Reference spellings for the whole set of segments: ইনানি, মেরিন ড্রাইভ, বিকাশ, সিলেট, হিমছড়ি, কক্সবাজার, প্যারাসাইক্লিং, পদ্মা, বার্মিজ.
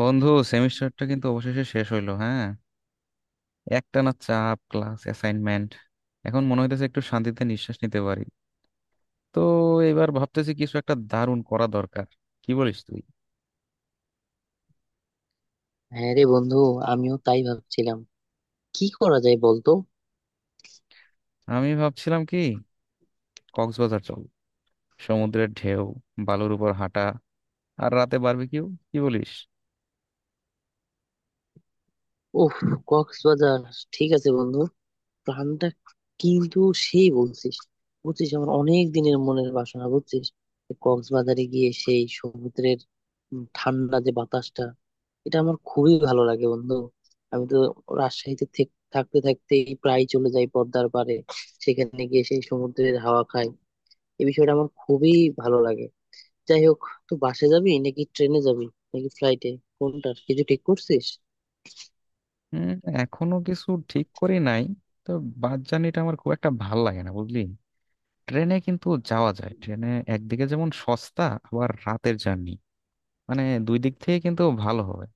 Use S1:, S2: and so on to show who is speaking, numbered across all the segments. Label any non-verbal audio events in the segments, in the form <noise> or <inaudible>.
S1: বন্ধু, সেমিস্টারটা কিন্তু অবশেষে শেষ হইলো। হ্যাঁ, একটানা চাপ, ক্লাস, অ্যাসাইনমেন্ট। এখন মনে হইতেছে একটু শান্তিতে নিঃশ্বাস নিতে পারি। তো এবার ভাবতেছি কিছু একটা দারুণ করা দরকার। কি বলিস তুই?
S2: হ্যাঁ রে বন্ধু, আমিও তাই ভাবছিলাম। কি করা যায় বলতো?
S1: আমি ভাবছিলাম কি, কক্সবাজার চল। সমুদ্রের ঢেউ, বালুর উপর হাঁটা, আর রাতে বারবিকিউ। কি বলিস?
S2: ওহ, কক্সবাজার, ঠিক আছে বন্ধু। প্ল্যানটা কিন্তু সেই বলছিস। বুঝছিস আমার অনেক দিনের মনের বাসনা বুঝছিস। কক্সবাজারে গিয়ে সেই সমুদ্রের ঠান্ডা যে বাতাসটা এটা আমার খুবই ভালো লাগে বন্ধু। আমি তো রাজশাহীতে থাকতে থাকতেই প্রায় চলে যাই পদ্মার পাড়ে। সেখানে গিয়ে সেই সমুদ্রের হাওয়া খাই। এই বিষয়টা আমার খুবই ভালো লাগে। যাই হোক, তো বাসে যাবি নাকি ট্রেনে যাবি, নাকি ফ্লাইটে? কোনটা কিছু ঠিক করছিস?
S1: হুম, এখনো কিছু ঠিক করি নাই। তো বাস জার্নিটা আমার খুব একটা ভাল লাগে না, বুঝলি। ট্রেনে কিন্তু যাওয়া যায়, ট্রেনে একদিকে যেমন সস্তা, আবার রাতের জার্নি, মানে দুই দিক থেকে কিন্তু ভালো হবে।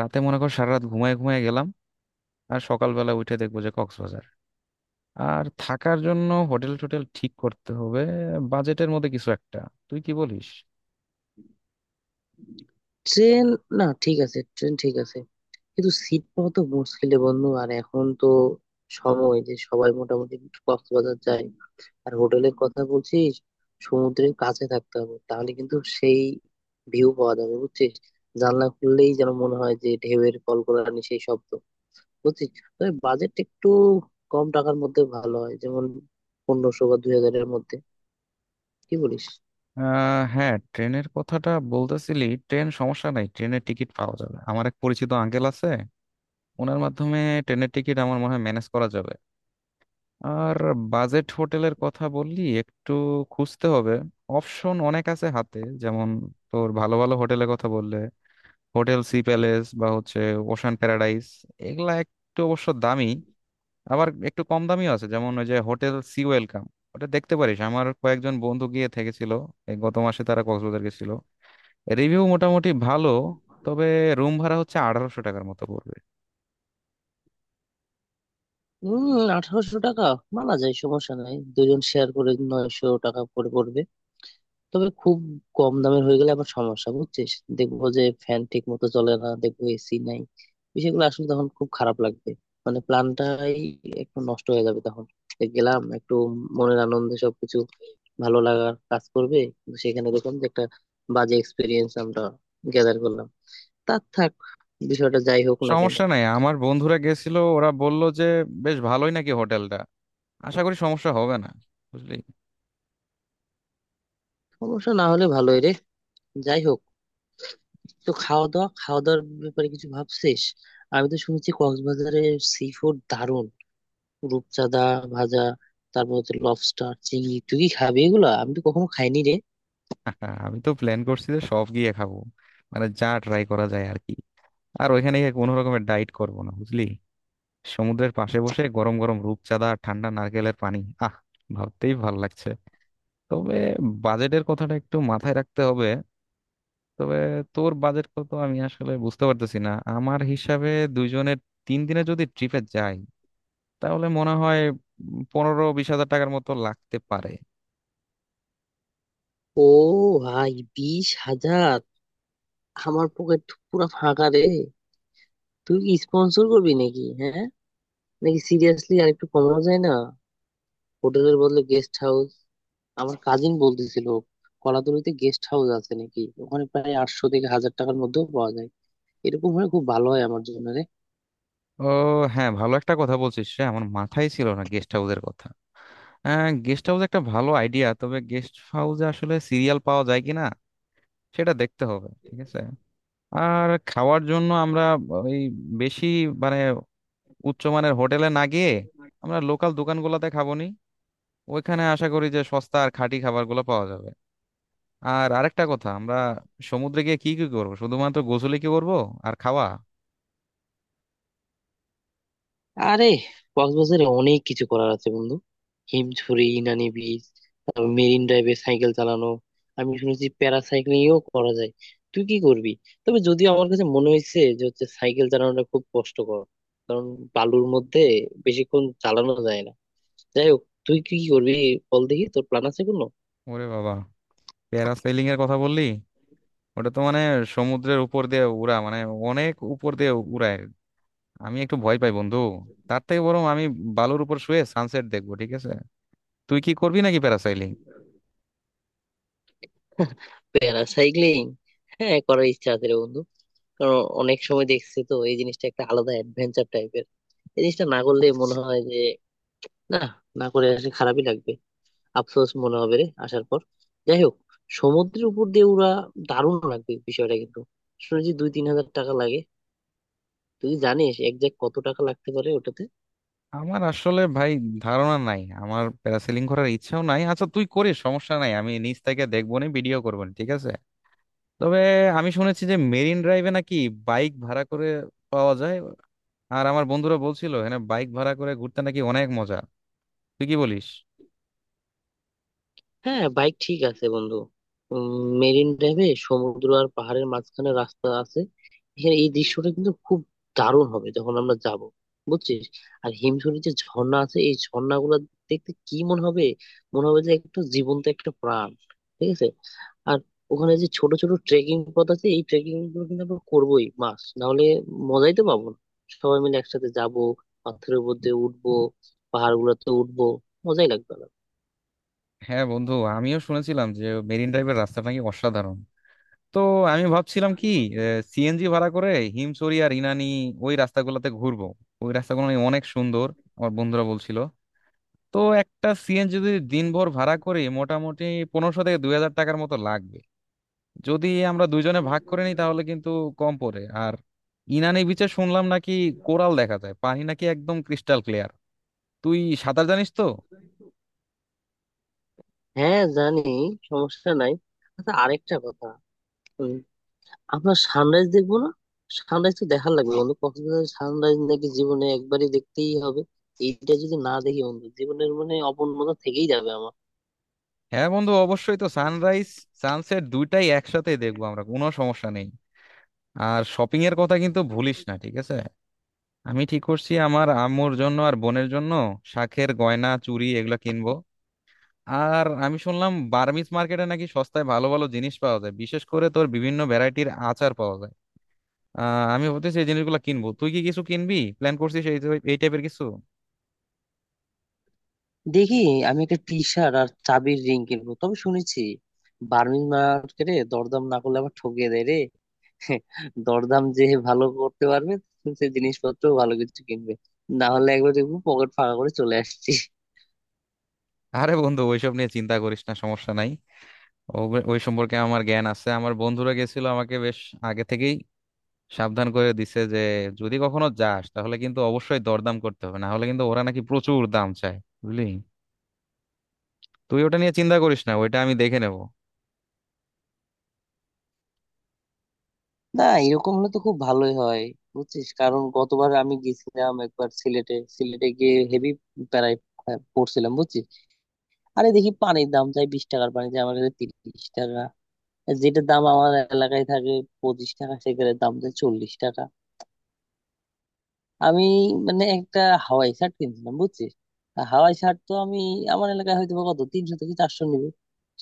S1: রাতে মনে কর সারা রাত ঘুমায় ঘুমায় গেলাম, আর সকালবেলা উঠে দেখবো যে কক্সবাজার। আর থাকার জন্য হোটেল টোটেল ঠিক করতে হবে, বাজেটের মধ্যে কিছু একটা। তুই কি বলিস?
S2: ট্রেন? না ঠিক আছে, ট্রেন ঠিক আছে। কিন্তু সিট পাওয়া তো মুশকিলে বন্ধু, আর এখন তো সময় যে সবাই মোটামুটি কক্সবাজার যায়। আর হোটেলের কথা বলছিস, সমুদ্রের কাছে থাকতে হবে তাহলে কিন্তু সেই ভিউ পাওয়া যাবে বুঝছিস। জানলা খুললেই যেন মনে হয় যে ঢেউয়ের কলকলানি সেই শব্দ বুঝছিস। তবে বাজেট একটু কম টাকার মধ্যে ভালো হয়, যেমন 1500 বা 2000-এর মধ্যে। কি বলিস?
S1: আহ হ্যাঁ, ট্রেনের কথাটা বলতেছিলি। ট্রেন সমস্যা নাই, ট্রেনের টিকিট পাওয়া যাবে। আমার এক পরিচিত আঙ্কেল আছে, ওনার মাধ্যমে ট্রেনের টিকিট আমার মনে হয় ম্যানেজ করা যাবে। আর বাজেট হোটেলের কথা বললি, একটু খুঁজতে হবে। অপশন অনেক আছে হাতে। যেমন তোর ভালো ভালো হোটেলের কথা বললে, হোটেল সি প্যালেস বা হচ্ছে ওশান প্যারাডাইস, এগুলা একটু অবশ্য দামি। আবার একটু কম দামিও আছে, যেমন ওই যে হোটেল সি ওয়েলকাম, ওটা দেখতে পারিস। আমার কয়েকজন বন্ধু গিয়ে থেকেছিল, এই গত মাসে তারা কক্সবাজার গেছিল। রিভিউ মোটামুটি ভালো। তবে রুম ভাড়া হচ্ছে 1800 টাকার মতো পড়বে।
S2: হম, 1800 টাকা মানা যায়, সমস্যা নাই। দুজন শেয়ার করে 900 টাকা করে পড়বে। তবে খুব কম দামের হয়ে গেলে আবার সমস্যা বুঝছিস। দেখবো যে ফ্যান ঠিক মতো চলে না, দেখবো এসি নাই, বিষয়গুলো আসলে তখন খুব খারাপ লাগবে। মানে প্ল্যানটাই একটু নষ্ট হয়ে যাবে তখন। এই গেলাম একটু মনের আনন্দে, সবকিছু ভালো লাগার কাজ করবে, কিন্তু সেখানে দেখলাম যে একটা বাজে এক্সপিরিয়েন্স আমরা গ্যাদার করলাম। তার থাক, বিষয়টা যাই হোক না কেন।
S1: সমস্যা নাই, আমার বন্ধুরা গেছিল, ওরা বলল যে বেশ ভালোই নাকি হোটেলটা। আশা করি সমস্যা হবে না, বুঝলি।
S2: সমস্যা না হলে ভালোই রে। যাই হোক, তো খাওয়া দাওয়া, খাওয়া দাওয়ার ব্যাপারে কিছু ভাবছিস? আমি তো শুনেছি কক্সবাজারে সি ফুড দারুণ। রূপচাঁদা ভাজা, তারপর হচ্ছে লবস্টার চিংড়ি, তুই কি খাবি এগুলো? আমি তো কখনো খাইনি রে।
S1: <laughs> আমি তো প্ল্যান করছি যে সব গিয়ে খাবো, মানে যা ট্রাই করা যায় আর কি। আর ওইখানে গিয়ে কোনো রকমের ডাইট করবো না, বুঝলি। সমুদ্রের পাশে বসে গরম গরম রূপচাঁদা আর ঠান্ডা নারকেলের পানি, আহ, ভাবতেই ভাল লাগছে। তবে বাজেটের কথাটা একটু মাথায় রাখতে হবে। তবে তোর বাজেট কত আমি আসলে বুঝতে পারতেছি না। আমার হিসাবে দুইজনের তিন দিনে যদি ট্রিপে যাই, তাহলে মনে হয় 15-20 হাজার টাকার মতো লাগতে পারে।
S2: ও ভাই, 20,000? আমার পকেট তো পুরো ফাঁকা রে। তুই কি স্পন্সর করবি নাকি? হ্যাঁ? নাকি সিরিয়াসলি আর একটু কমানো যায় না? হোটেলের বদলে গেস্ট হাউস, আমার কাজিন বলতেছিল কলাতলিতে গেস্ট হাউস আছে নাকি, ওখানে প্রায় 800 থেকে 1000 টাকার মধ্যেও পাওয়া যায়। এরকম হলে খুব ভালো হয় আমার জন্য রে।
S1: ও হ্যাঁ, ভালো একটা কথা বলছিস রে, আমার মাথায় ছিল না গেস্ট হাউসের কথা। হ্যাঁ, গেস্ট হাউস একটা ভালো আইডিয়া। তবে গেস্ট হাউসে আসলে সিরিয়াল পাওয়া যায় কিনা সেটা দেখতে হবে, ঠিক আছে। আর খাওয়ার জন্য আমরা ওই বেশি, মানে উচ্চমানের হোটেলে না গিয়ে, আমরা লোকাল দোকানগুলোতে খাবো নি। ওইখানে আশা করি যে সস্তা আর খাঁটি খাবারগুলো পাওয়া যাবে। আর আরেকটা কথা, আমরা সমুদ্রে গিয়ে কি কি করবো, শুধুমাত্র গোসলে কি করবো আর খাওয়া?
S2: আরে কক্সবাজারে অনেক কিছু করার আছে বন্ধু। হিমছড়ি, ইনানি বিচ, তারপর মেরিন ড্রাইভে সাইকেল চালানো। আমি শুনেছি প্যারাসাইক্লিংও করা যায়। তুই কি করবি? তবে যদিও আমার কাছে মনে হয়েছে যে হচ্ছে সাইকেল চালানোটা খুব কষ্টকর, কারণ বালুর মধ্যে বেশিক্ষণ চালানো যায় না। যাই হোক, তুই কি কি করবি বল দেখি, তোর প্ল্যান আছে কোনো?
S1: ওরে বাবা, প্যারাসেলিং এর কথা বললি! ওটা তো মানে সমুদ্রের উপর দিয়ে উড়া, মানে অনেক উপর দিয়ে উড়ায়। আমি একটু ভয় পাই বন্ধু। তার থেকে বরং আমি বালুর উপর শুয়ে সানসেট দেখবো, ঠিক আছে। তুই কি করবি নাকি প্যারাসেলিং?
S2: <laughs> প্যারাসাইক্লিং হ্যাঁ করার ইচ্ছা আছে রে বন্ধু। কারণ অনেক সময় দেখছি তো এই জিনিসটা একটা আলাদা অ্যাডভেঞ্চার টাইপের। এই জিনিসটা না করলে মনে হয় না, না করে আসলে খারাপই লাগবে, আফসোস মনে হবে রে আসার পর। যাই হোক, সমুদ্রের উপর দিয়ে উড়া দারুণ লাগবে বিষয়টা কিন্তু। শুনেছি 2-3 হাজার টাকা লাগে। তুই জানিস একজ্যাক্ট কত টাকা লাগতে পারে ওটাতে?
S1: আমার আসলে ভাই ধারণা নাই, আমার প্যারাসেলিং করার ইচ্ছাও নাই। আচ্ছা তুই করিস, সমস্যা নাই, আমি নিচ থেকে দেখবো নি, ভিডিও করবো নি, ঠিক আছে। তবে আমি শুনেছি যে মেরিন ড্রাইভে নাকি বাইক ভাড়া করে পাওয়া যায়। আর আমার বন্ধুরা বলছিল, হ্যাঁ, বাইক ভাড়া করে ঘুরতে নাকি অনেক মজা। তুই কি বলিস?
S2: হ্যাঁ বাইক ঠিক আছে বন্ধু। মেরিন ড্রাইভে সমুদ্র আর পাহাড়ের মাঝখানে রাস্তা আছে। এখানে এই দৃশ্যটা কিন্তু খুব দারুণ হবে যখন আমরা যাব বুঝছিস। আর হিমছড়ির যে ঝর্ণা আছে, এই ঝর্ণা গুলা দেখতে কি মনে হবে? মনে হবে যে একটা জীবন্ত একটা প্রাণ, ঠিক আছে। আর ওখানে যে ছোট ছোট ট্রেকিং পথ আছে, এই ট্রেকিং গুলো কিন্তু আমরা করবোই, মাস না হলে মজাই তো পাবো না। সবাই মিলে একসাথে যাব, পাথরের উপর দিয়ে উঠবো, পাহাড় গুলোতে উঠবো, মজাই লাগবে।
S1: হ্যাঁ বন্ধু, আমিও শুনেছিলাম যে মেরিন ড্রাইভের রাস্তা নাকি অসাধারণ। তো আমি ভাবছিলাম কি, সিএনজি ভাড়া করে হিমছড়ি আর ইনানি, ওই রাস্তাগুলোতে ঘুরবো। ওই রাস্তাগুলো নাকি অনেক সুন্দর, আমার বন্ধুরা বলছিল। তো একটা সিএনজি যদি দিনভর ভাড়া করি, মোটামুটি 1500 থেকে 2000 টাকার মতো লাগবে। যদি আমরা দুইজনে ভাগ করে নিই তাহলে কিন্তু কম পড়ে। আর ইনানি বিচে শুনলাম নাকি কোরাল দেখা যায়, পানি নাকি একদম ক্রিস্টাল ক্লিয়ার। তুই সাঁতার জানিস তো?
S2: হ্যাঁ জানি, সমস্যা নাই। আচ্ছা আরেকটা কথা, উম, আমরা সানরাইজ দেখবো না? সানরাইজ তো দেখা লাগবে বন্ধু, কক্সবাজারের সানরাইজ নাকি জীবনে একবারই দেখতেই হবে। এইটা যদি না দেখি বন্ধু জীবনের মানে অপূর্ণতা থেকেই যাবে আমার।
S1: হ্যাঁ বন্ধু, অবশ্যই তো, সানরাইজ সানসেট দুইটাই একসাথে দেখবো আমরা, কোনো সমস্যা নেই। আর শপিং এর কথা কিন্তু ভুলিস না, ঠিক আছে। আমি ঠিক করছি আমার আম্মুর জন্য আর বোনের জন্য শাঁখের গয়না, চুড়ি, এগুলো কিনবো। আর আমি শুনলাম বার্মিজ মার্কেটে নাকি সস্তায় ভালো ভালো জিনিস পাওয়া যায়, বিশেষ করে তোর বিভিন্ন ভ্যারাইটির আচার পাওয়া যায়। আহ, আমি ভাবতেছি এই জিনিসগুলো কিনবো। তুই কি কিছু কিনবি, প্ল্যান করছিস এই এই টাইপের কিছু?
S2: দেখি, আমি একটা টি শার্ট আর চাবির রিং কিনবো। তবে শুনেছি বার্মিজ মার্কেটে দরদাম না করলে আবার ঠকিয়ে দেয় রে। <laughs> দরদাম যে ভালো করতে পারবে সে জিনিসপত্র ভালো কিছু কিনবে, না হলে একবার দেখবো পকেট ফাঁকা করে চলে আসছি।
S1: আরে বন্ধু, ওইসব নিয়ে চিন্তা করিস না, সমস্যা নাই। ওই সম্পর্কে আমার জ্ঞান আছে। আমার বন্ধুরা গেছিল, আমাকে বেশ আগে থেকেই সাবধান করে দিছে যে যদি কখনো যাস তাহলে কিন্তু অবশ্যই দরদাম করতে হবে, না হলে কিন্তু ওরা নাকি প্রচুর দাম চায়, বুঝলি। তুই ওটা নিয়ে চিন্তা করিস না, ওইটা আমি দেখে নেব।
S2: না এরকম হলে তো খুব ভালোই হয় বুঝছিস। কারণ গতবার আমি গেছিলাম একবার সিলেটে, সিলেটে গিয়ে হেভি প্যারায় পড়ছিলাম বুঝছিস। আরে দেখি পানির দাম চাই 20 টাকার পানি, চাই আমার কাছে 30 টাকা, যেটার দাম আমার এলাকায় থাকে 25 টাকা সেখানে দাম চাই 40 টাকা। আমি মানে একটা হাওয়াই শার্ট কিনছিলাম বুঝছিস। আর হাওয়াই শার্ট তো আমি আমার এলাকায় হয়তো বা কত, 300 থেকে 400 নিবে,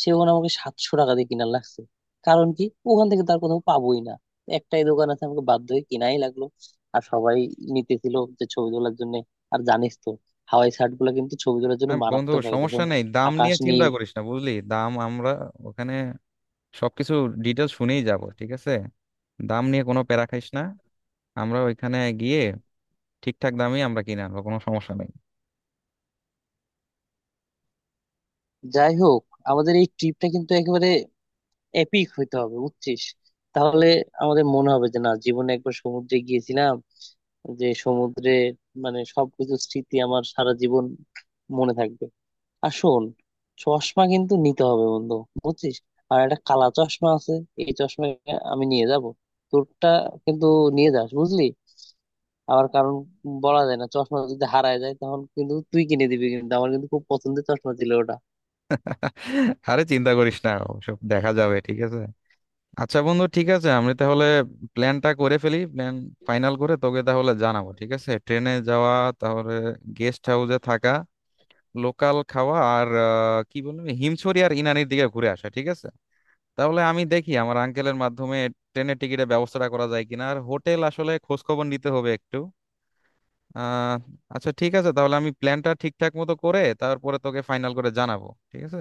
S2: সে ওখানে আমাকে 700 টাকা দিয়ে কিনা লাগছে। কারণ কি, ওখান থেকে তার কোথাও পাবোই না, একটাই দোকান আছে আমাকে বাধ্য হয়ে কিনাই লাগলো। আর সবাই নিতেছিল যে ছবি তোলার জন্য। আর জানিস তো হাওয়াই শার্ট গুলো কিন্তু ছবি তোলার জন্য
S1: হ্যাঁ বন্ধু,
S2: মারাত্মক হয়
S1: সমস্যা
S2: যখন
S1: নেই, দাম
S2: আকাশ
S1: নিয়ে চিন্তা
S2: নীল।
S1: করিস না, বুঝলি। দাম আমরা ওখানে সবকিছু ডিটেল শুনেই যাব, ঠিক আছে। দাম নিয়ে কোনো প্যারা খাইস না। আমরা ওইখানে গিয়ে ঠিকঠাক দামই আমরা কিনে আনবো, কোনো সমস্যা নেই।
S2: যাই হোক, আমাদের এই ট্রিপটা কিন্তু একেবারে এপিক হইতে হবে বুঝছিস। তাহলে আমাদের মনে হবে যে না, জীবনে একবার সমুদ্রে গিয়েছিলাম, যে সমুদ্রে মানে সবকিছু স্মৃতি আমার সারা জীবন মনে থাকবে। আর শোন, চশমা কিন্তু নিতে হবে বন্ধু বুঝছিস। আর একটা কালা চশমা আছে, এই চশমা আমি নিয়ে যাব। তোরটা কিন্তু নিয়ে যাস বুঝলি, আবার কারণ বলা যায় না চশমা যদি হারায় যায় তখন কিন্তু তুই কিনে দিবি কিন্তু, আমার কিন্তু খুব পছন্দের চশমা ছিল ওটা।
S1: <laughs> আরে চিন্তা করিস না, ওসব দেখা যাবে, ঠিক আছে। আচ্ছা বন্ধু, ঠিক আছে, আমি তাহলে প্ল্যানটা করে ফেলি, প্ল্যান ফাইনাল করে তোকে তাহলে জানাবো, ঠিক আছে। ট্রেনে যাওয়া, তাহলে গেস্ট হাউসে থাকা, লোকাল খাওয়া, আর কি বলবো, হিমছড়ি আর ইনানির দিকে ঘুরে আসা, ঠিক আছে। তাহলে আমি দেখি আমার আঙ্কেলের মাধ্যমে ট্রেনের টিকিটের ব্যবস্থাটা করা যায় কিনা, আর হোটেল আসলে খোঁজ খবর নিতে হবে একটু। আহ, আচ্ছা ঠিক আছে, তাহলে আমি প্ল্যানটা ঠিকঠাক মতো করে তারপরে তোকে ফাইনাল করে জানাবো, ঠিক আছে।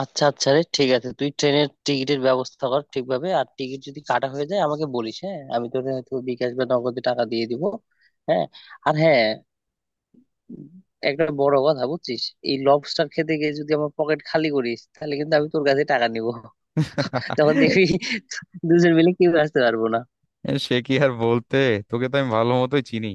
S2: আচ্ছা আচ্ছা রে ঠিক আছে, তুই ট্রেনের টিকিটের ব্যবস্থা কর ঠিকভাবে, আর টিকিট যদি কাটা হয়ে যায় আমাকে বলিস, হ্যাঁ আমি তোর হয়তো বিকাশ বা নগদে টাকা দিয়ে দিব। হ্যাঁ, আর হ্যাঁ একটা বড় কথা বুঝছিস, এই লবস্টার খেতে গিয়ে যদি আমার পকেট খালি করিস তাহলে কিন্তু আমি তোর কাছে টাকা নিব। তখন দেখবি
S1: <laughs>
S2: দুজন মিলে কেউ আসতে পারবো না।
S1: সে কি আর বলতে, তোকে তো আমি ভালো মতোই চিনি।